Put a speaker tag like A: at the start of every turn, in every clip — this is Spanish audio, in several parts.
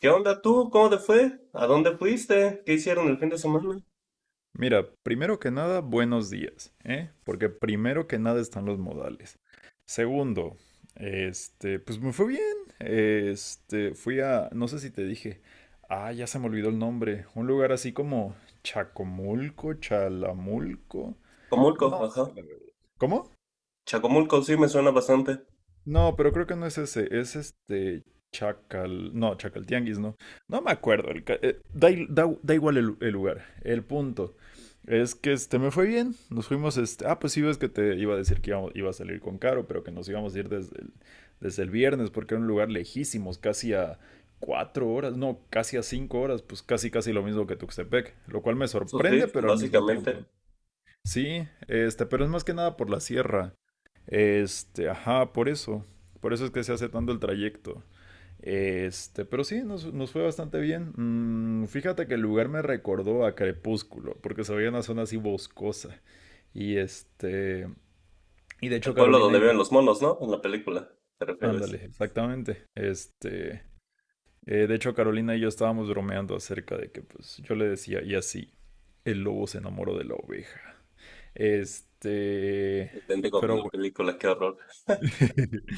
A: ¿Qué onda tú? ¿Cómo te fue? ¿A dónde fuiste? ¿Qué hicieron el fin de semana?
B: Mira, primero que nada, buenos días, ¿eh? Porque primero que nada están los modales. Segundo, pues me fue bien. Fui a, no sé si te dije, ya se me olvidó el nombre, un lugar así como Chacomulco, Chalamulco,
A: Comulco,
B: no sé
A: ajá.
B: la verdad. ¿Cómo?
A: Chacomulco sí me suena bastante.
B: No, pero creo que no es ese, es este Chacal, no, Chacal Tianguis, no. No me acuerdo, el ca- da, i- da- da igual el lugar, el punto. Es que me fue bien, nos fuimos, pues sí ves que te iba a decir que iba a salir con Caro, pero que nos íbamos a ir desde el viernes porque era un lugar lejísimos, casi a 4 horas, no, casi a 5 horas, pues casi casi lo mismo que Tuxtepec, lo cual me
A: Eso
B: sorprende,
A: sí,
B: pero al mismo tiempo.
A: básicamente.
B: Sí, pero es más que nada por la sierra. Ajá, por eso. Por eso es que se hace tanto el trayecto. Pero sí, nos fue bastante bien. Fíjate que el lugar me recordó a Crepúsculo, porque se veía una zona así boscosa. Y y de hecho
A: Al pueblo
B: Carolina
A: donde
B: y yo,
A: viven los monos, ¿no? En la película, te refieres.
B: ándale, exactamente. De hecho Carolina y yo estábamos bromeando acerca de que pues yo le decía, y así, el lobo se enamoró de la oveja. Este,
A: Idéntico con
B: pero
A: la
B: bueno.
A: película, qué horror.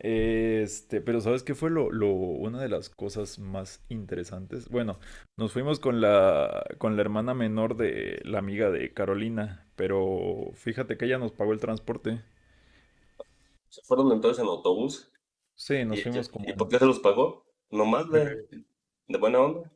B: Pero ¿sabes qué fue una de las cosas más interesantes? Bueno, nos fuimos con con la hermana menor de la amiga de Carolina, pero fíjate que ella nos pagó el transporte.
A: Se fueron entonces en autobús.
B: Sí,
A: ¿Y,
B: nos
A: ella-
B: fuimos
A: ¿y
B: como en...
A: por qué se los pagó? ¿Nomás de,
B: Eh,
A: de buena onda?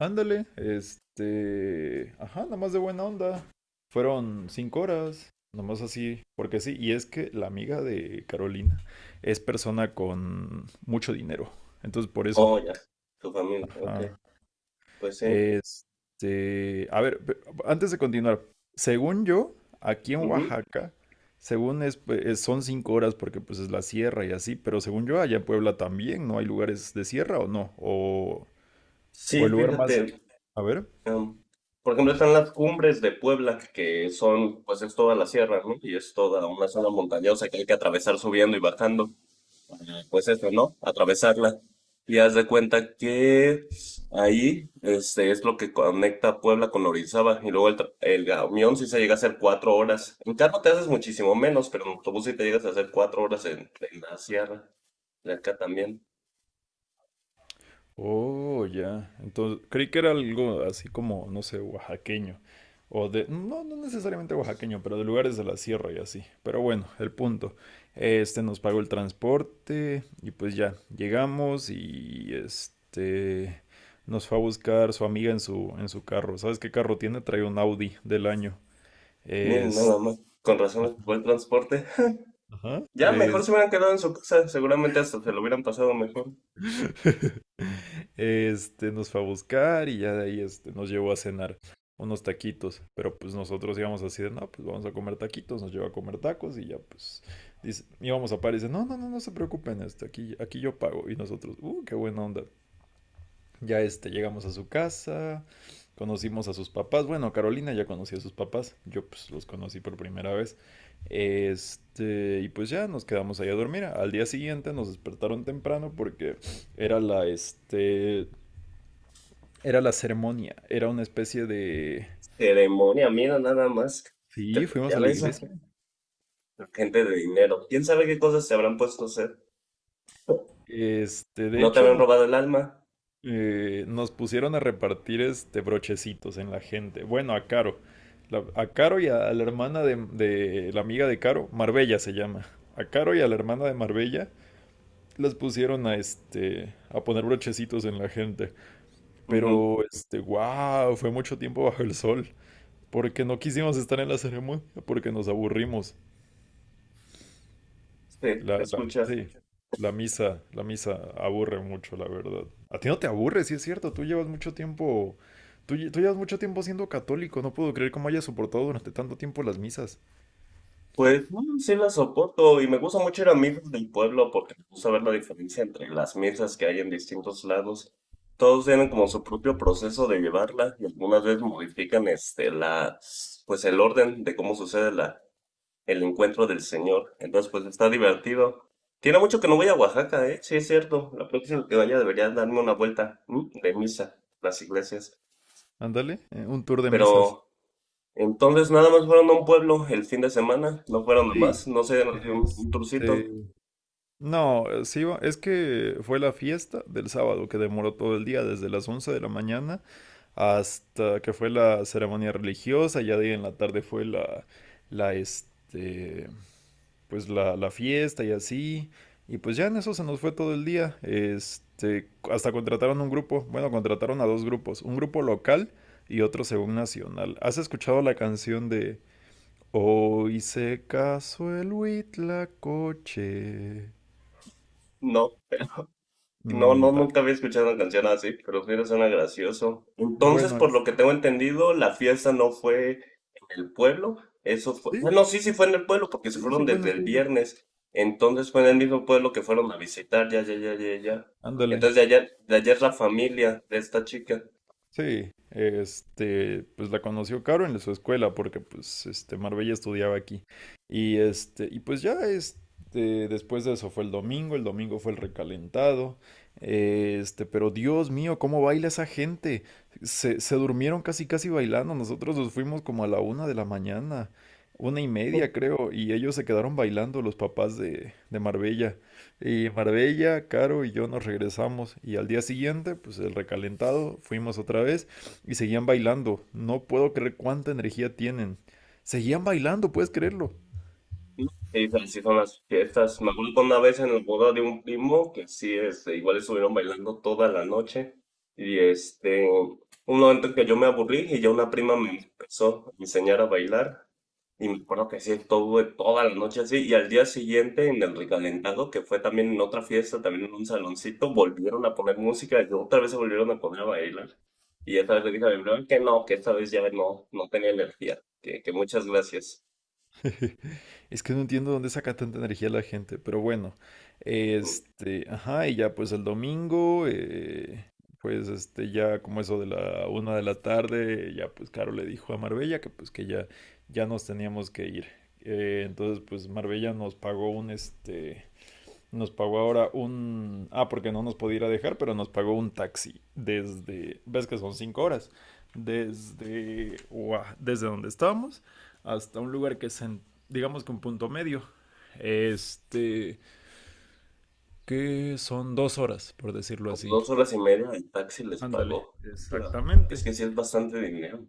B: ándale, ajá, nomás de buena onda. Fueron cinco horas, nomás así, porque sí, y es que la amiga de Carolina es persona con mucho dinero, entonces por eso.
A: Oh, ya. Tu familia, ok.
B: Ajá.
A: Pues sí.
B: A ver, antes de continuar, según yo, aquí en
A: Ujú.
B: Oaxaca, según es, pues, son 5 horas porque pues es la sierra y así, pero según yo, allá en Puebla también, ¿no hay lugares de sierra o no? O,
A: Sí,
B: o el lugar
A: fíjate.
B: más... A ver.
A: Em, por ejemplo, están las cumbres de Puebla, que son, pues es toda la sierra, ¿no? Y es toda una zona montañosa que hay que atravesar subiendo y bajando. Pues eso, ¿no? Atravesarla. Y haz de cuenta que ahí este, es lo que conecta Puebla con Orizaba. Y luego el camión sí se llega a hacer cuatro horas. En carro te haces muchísimo menos, pero en autobús sí te llegas a hacer cuatro horas en la sierra. De acá también.
B: Oh, ya. Entonces, creí que era algo así como, no sé, oaxaqueño. O de, no, no necesariamente oaxaqueño, pero de lugares de la sierra y así. Pero bueno, el punto. Nos pagó el transporte y pues ya, llegamos y nos fue a buscar su amiga en su carro. ¿Sabes qué carro tiene? Trae un Audi del año.
A: Miren,
B: Es...
A: nada más. Con razón, buen transporte.
B: Ajá.
A: Ya mejor
B: Es...
A: se hubieran quedado en su casa, seguramente hasta se lo hubieran pasado mejor.
B: Nos fue a buscar y ya de ahí nos llevó a cenar unos taquitos. Pero pues nosotros íbamos así de, no, pues vamos a comer taquitos, nos llevó a comer tacos y ya pues dice, íbamos a par y dice, no, no, no, no se preocupen, aquí yo pago. Y nosotros, qué buena onda. Ya llegamos a su casa, conocimos a sus papás. Bueno, Carolina ya conocía a sus papás, yo pues los conocí por primera vez. Y pues ya nos quedamos ahí a dormir. Al día siguiente nos despertaron temprano porque era la, este, era la ceremonia, era una especie de...
A: Ceremonia, mira nada más.
B: Sí, fuimos
A: Ya
B: a la
A: ves,
B: iglesia.
A: la gente de dinero. ¿Quién sabe qué cosas se habrán puesto a hacer?
B: De
A: ¿No te
B: hecho,
A: habrán
B: nos,
A: robado el alma?
B: eh, nos pusieron a repartir brochecitos en la gente. Bueno, a Caro. A Caro y a la hermana de la amiga de Caro, Marbella se llama. A Caro y a la hermana de Marbella las pusieron a a poner brochecitos en la gente.
A: Ujú.
B: Pero wow, fue mucho tiempo bajo el sol. Porque no quisimos estar en la ceremonia, porque nos aburrimos.
A: Sí, se escucha.
B: Sí, la misa aburre mucho, la verdad. A ti no te aburre, sí es cierto, tú llevas mucho tiempo siendo católico, no puedo creer cómo hayas soportado durante tanto tiempo las misas.
A: Pues mm, sí la soporto y me gusta mucho ir a misas del pueblo porque me gusta ver la diferencia entre las misas que hay en distintos lados. Todos tienen como su propio proceso de llevarla y algunas veces modifican este la, pues el orden de cómo sucede la, el encuentro del Señor. Entonces, pues está divertido. Tiene mucho que no voy a Oaxaca, ¿eh? Sí, es cierto. La próxima que vaya debería darme una vuelta, ¿m?, de misa, las iglesias.
B: Ándale, un tour de misas.
A: Pero entonces nada más fueron a un pueblo el fin de semana, no fueron a
B: Sí,
A: más, no se dieron así un
B: este...
A: tourcito.
B: No, sí, es que fue la fiesta del sábado que demoró todo el día, desde las 11 de la mañana hasta que fue la ceremonia religiosa, ya de ahí en la tarde fue la este, la fiesta y así, y pues ya en eso se nos fue todo el día, hasta contrataron un grupo, bueno, contrataron a dos grupos, un grupo local y otro según nacional. ¿Has escuchado la canción de Hoy se casó el Huitlacoche?
A: No. No,
B: Mm,
A: no,
B: ta-
A: nunca había escuchado una canción así, pero mira, suena gracioso. Entonces,
B: Bueno,
A: por lo
B: es...
A: que tengo entendido, la fiesta no fue en el pueblo, eso fue... Ah,
B: Sí,
A: no, sí, sí fue en el pueblo, porque se
B: sí, sí
A: fueron
B: fue en
A: desde
B: el
A: el
B: pueblo.
A: viernes. Entonces fue en el mismo pueblo que fueron a visitar, ya, ya, ya, ya, ya.
B: Ándale.
A: Entonces, de ayer la familia de esta chica.
B: Sí, pues la conoció Caro en su escuela porque pues Marbella estudiaba aquí. Y y pues ya después de eso fue el domingo fue el recalentado. Pero Dios mío, cómo baila esa gente. Se durmieron casi casi bailando. Nosotros nos fuimos como a la 1 de la mañana, 1:30 creo, y ellos se quedaron bailando, los papás de Marbella. Y Marbella, Caro y yo nos regresamos y al día siguiente, pues el recalentado, fuimos otra vez y seguían bailando. No puedo creer cuánta energía tienen. Seguían bailando, puedes creerlo.
A: Sí, se les hizo unas fiestas. Me acuerdo que una vez en el boda de un primo, que sí, este, igual estuvieron bailando toda la noche. Y este, un momento en que yo me aburrí y ya una prima me empezó a enseñar a bailar. Y me acuerdo que sí, estuve toda la noche así. Y al día siguiente, en el recalentado, que fue también en otra fiesta, también en un saloncito, volvieron a poner música y otra vez se volvieron a poner a bailar. Y esta vez le dije a mi prima que no, que esta vez ya no, no tenía energía. Que muchas gracias.
B: Es que no entiendo dónde saca tanta energía la gente, pero bueno.
A: Ujú.
B: Ajá, y ya pues el domingo, pues ya como eso de la 1 de la tarde, ya pues Caro le dijo a Marbella que pues que ya nos teníamos que ir. Entonces pues Marbella nos pagó un este Nos pagó ahora un... Ah, porque no nos podía ir a dejar, pero nos pagó un taxi desde... ¿Ves que son 5 horas? Desde donde estábamos hasta un lugar que es, en, digamos que un punto medio. Este... Que son 2 horas, por decirlo
A: Como
B: así.
A: dos horas y media el taxi les
B: Ándale.
A: pagó. Claro. Es
B: Exactamente.
A: que sí es bastante dinero.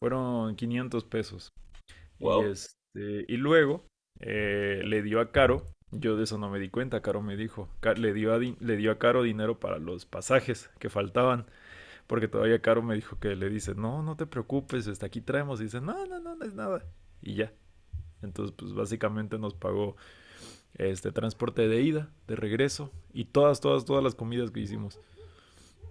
B: Fueron 500 pesos. Y,
A: Wow,
B: y luego le dio a Caro, yo de eso no me di cuenta, Caro me dijo, le dio a Caro dinero para los pasajes que faltaban, porque todavía Caro me dijo que le dice, no, no te preocupes, hasta aquí traemos, y dice, no, no, no, no es nada, y ya. Entonces, pues básicamente nos pagó este transporte de ida, de regreso, y todas, todas, todas las comidas que hicimos.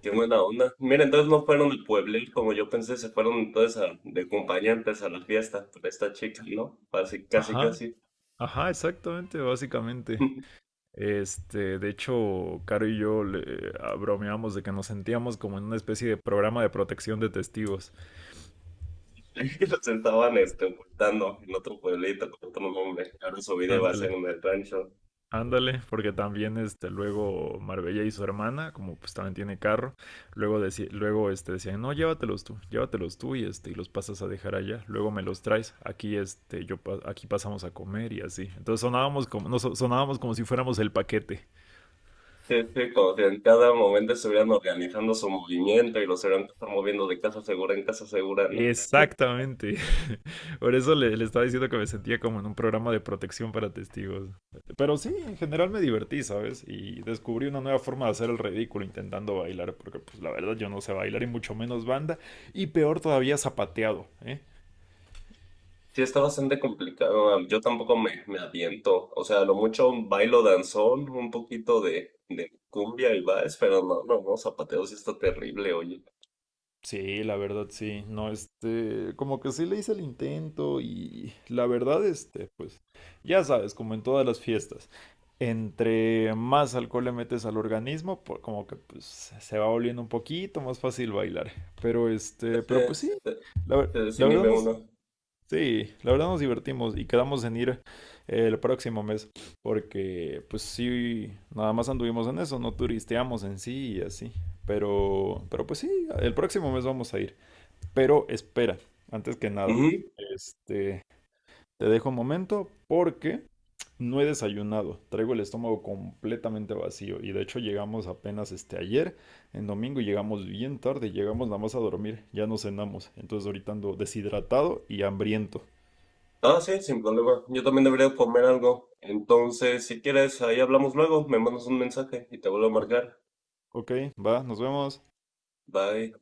A: qué buena onda. Mira, entonces no fueron de pueblo como yo pensé, se fueron entonces de acompañantes a la fiesta por esta chica, ¿no? Así casi,
B: Ajá,
A: casi.
B: ajá, exactamente, básicamente. De hecho, Caro y yo le bromeamos de que nos sentíamos como en una especie de programa de protección de testigos.
A: Que los estaban este, ocultando en otro pueblito con otro nombre. Ahora su vida va a
B: Ándale,
A: ser en el rancho.
B: ándale, porque también luego Marbella y su hermana, como pues también tiene carro, luego, decían, no, llévatelos tú y los pasas a dejar allá, luego me los traes, aquí, este, yo, pa- aquí pasamos a comer y así. Entonces sonábamos como si fuéramos el paquete.
A: Sí, sí, como si en cada momento estuvieran organizando su movimiento y los hubieran que estar moviendo de casa segura en casa segura, ¿no?
B: Exactamente. Por eso le estaba diciendo que me sentía como en un programa de protección para testigos. Pero sí, en general me divertí, ¿sabes? Y descubrí una nueva forma de hacer el ridículo intentando bailar, porque pues la verdad yo no sé bailar y mucho menos banda, y peor todavía zapateado, ¿eh?
A: Sí, está bastante complicado. Yo tampoco me aviento. O sea, a lo mucho un bailo danzón, un poquito de cumbia y vals, pero no, no, no, zapateo sí está terrible, oye.
B: Sí, la verdad sí, no, como que sí le hice el intento y la verdad, pues, ya sabes, como en todas las fiestas, entre más alcohol le metes al organismo, como que pues se va volviendo un poquito más fácil bailar, pero
A: Pues
B: pero pues sí,
A: se, se
B: la verdad
A: desinhibe
B: no,
A: uno.
B: sí, la verdad nos divertimos y quedamos en ir el próximo mes porque pues sí, nada más anduvimos en eso, no turisteamos en sí y así. Pero pues sí, el próximo mes vamos a ir. Pero espera, antes que nada,
A: Ujú.
B: este, te dejo un momento porque no he desayunado. Traigo el estómago completamente vacío y de hecho llegamos apenas ayer, en domingo, y llegamos bien tarde, llegamos nada más a dormir, ya no cenamos. Entonces ahorita ando deshidratado y hambriento.
A: Ah, sí, sin problema. Yo también debería comer algo. Entonces, si quieres, ahí hablamos luego. Me mandas un mensaje y te vuelvo a marcar.
B: Ok, va, nos vemos.
A: Bye.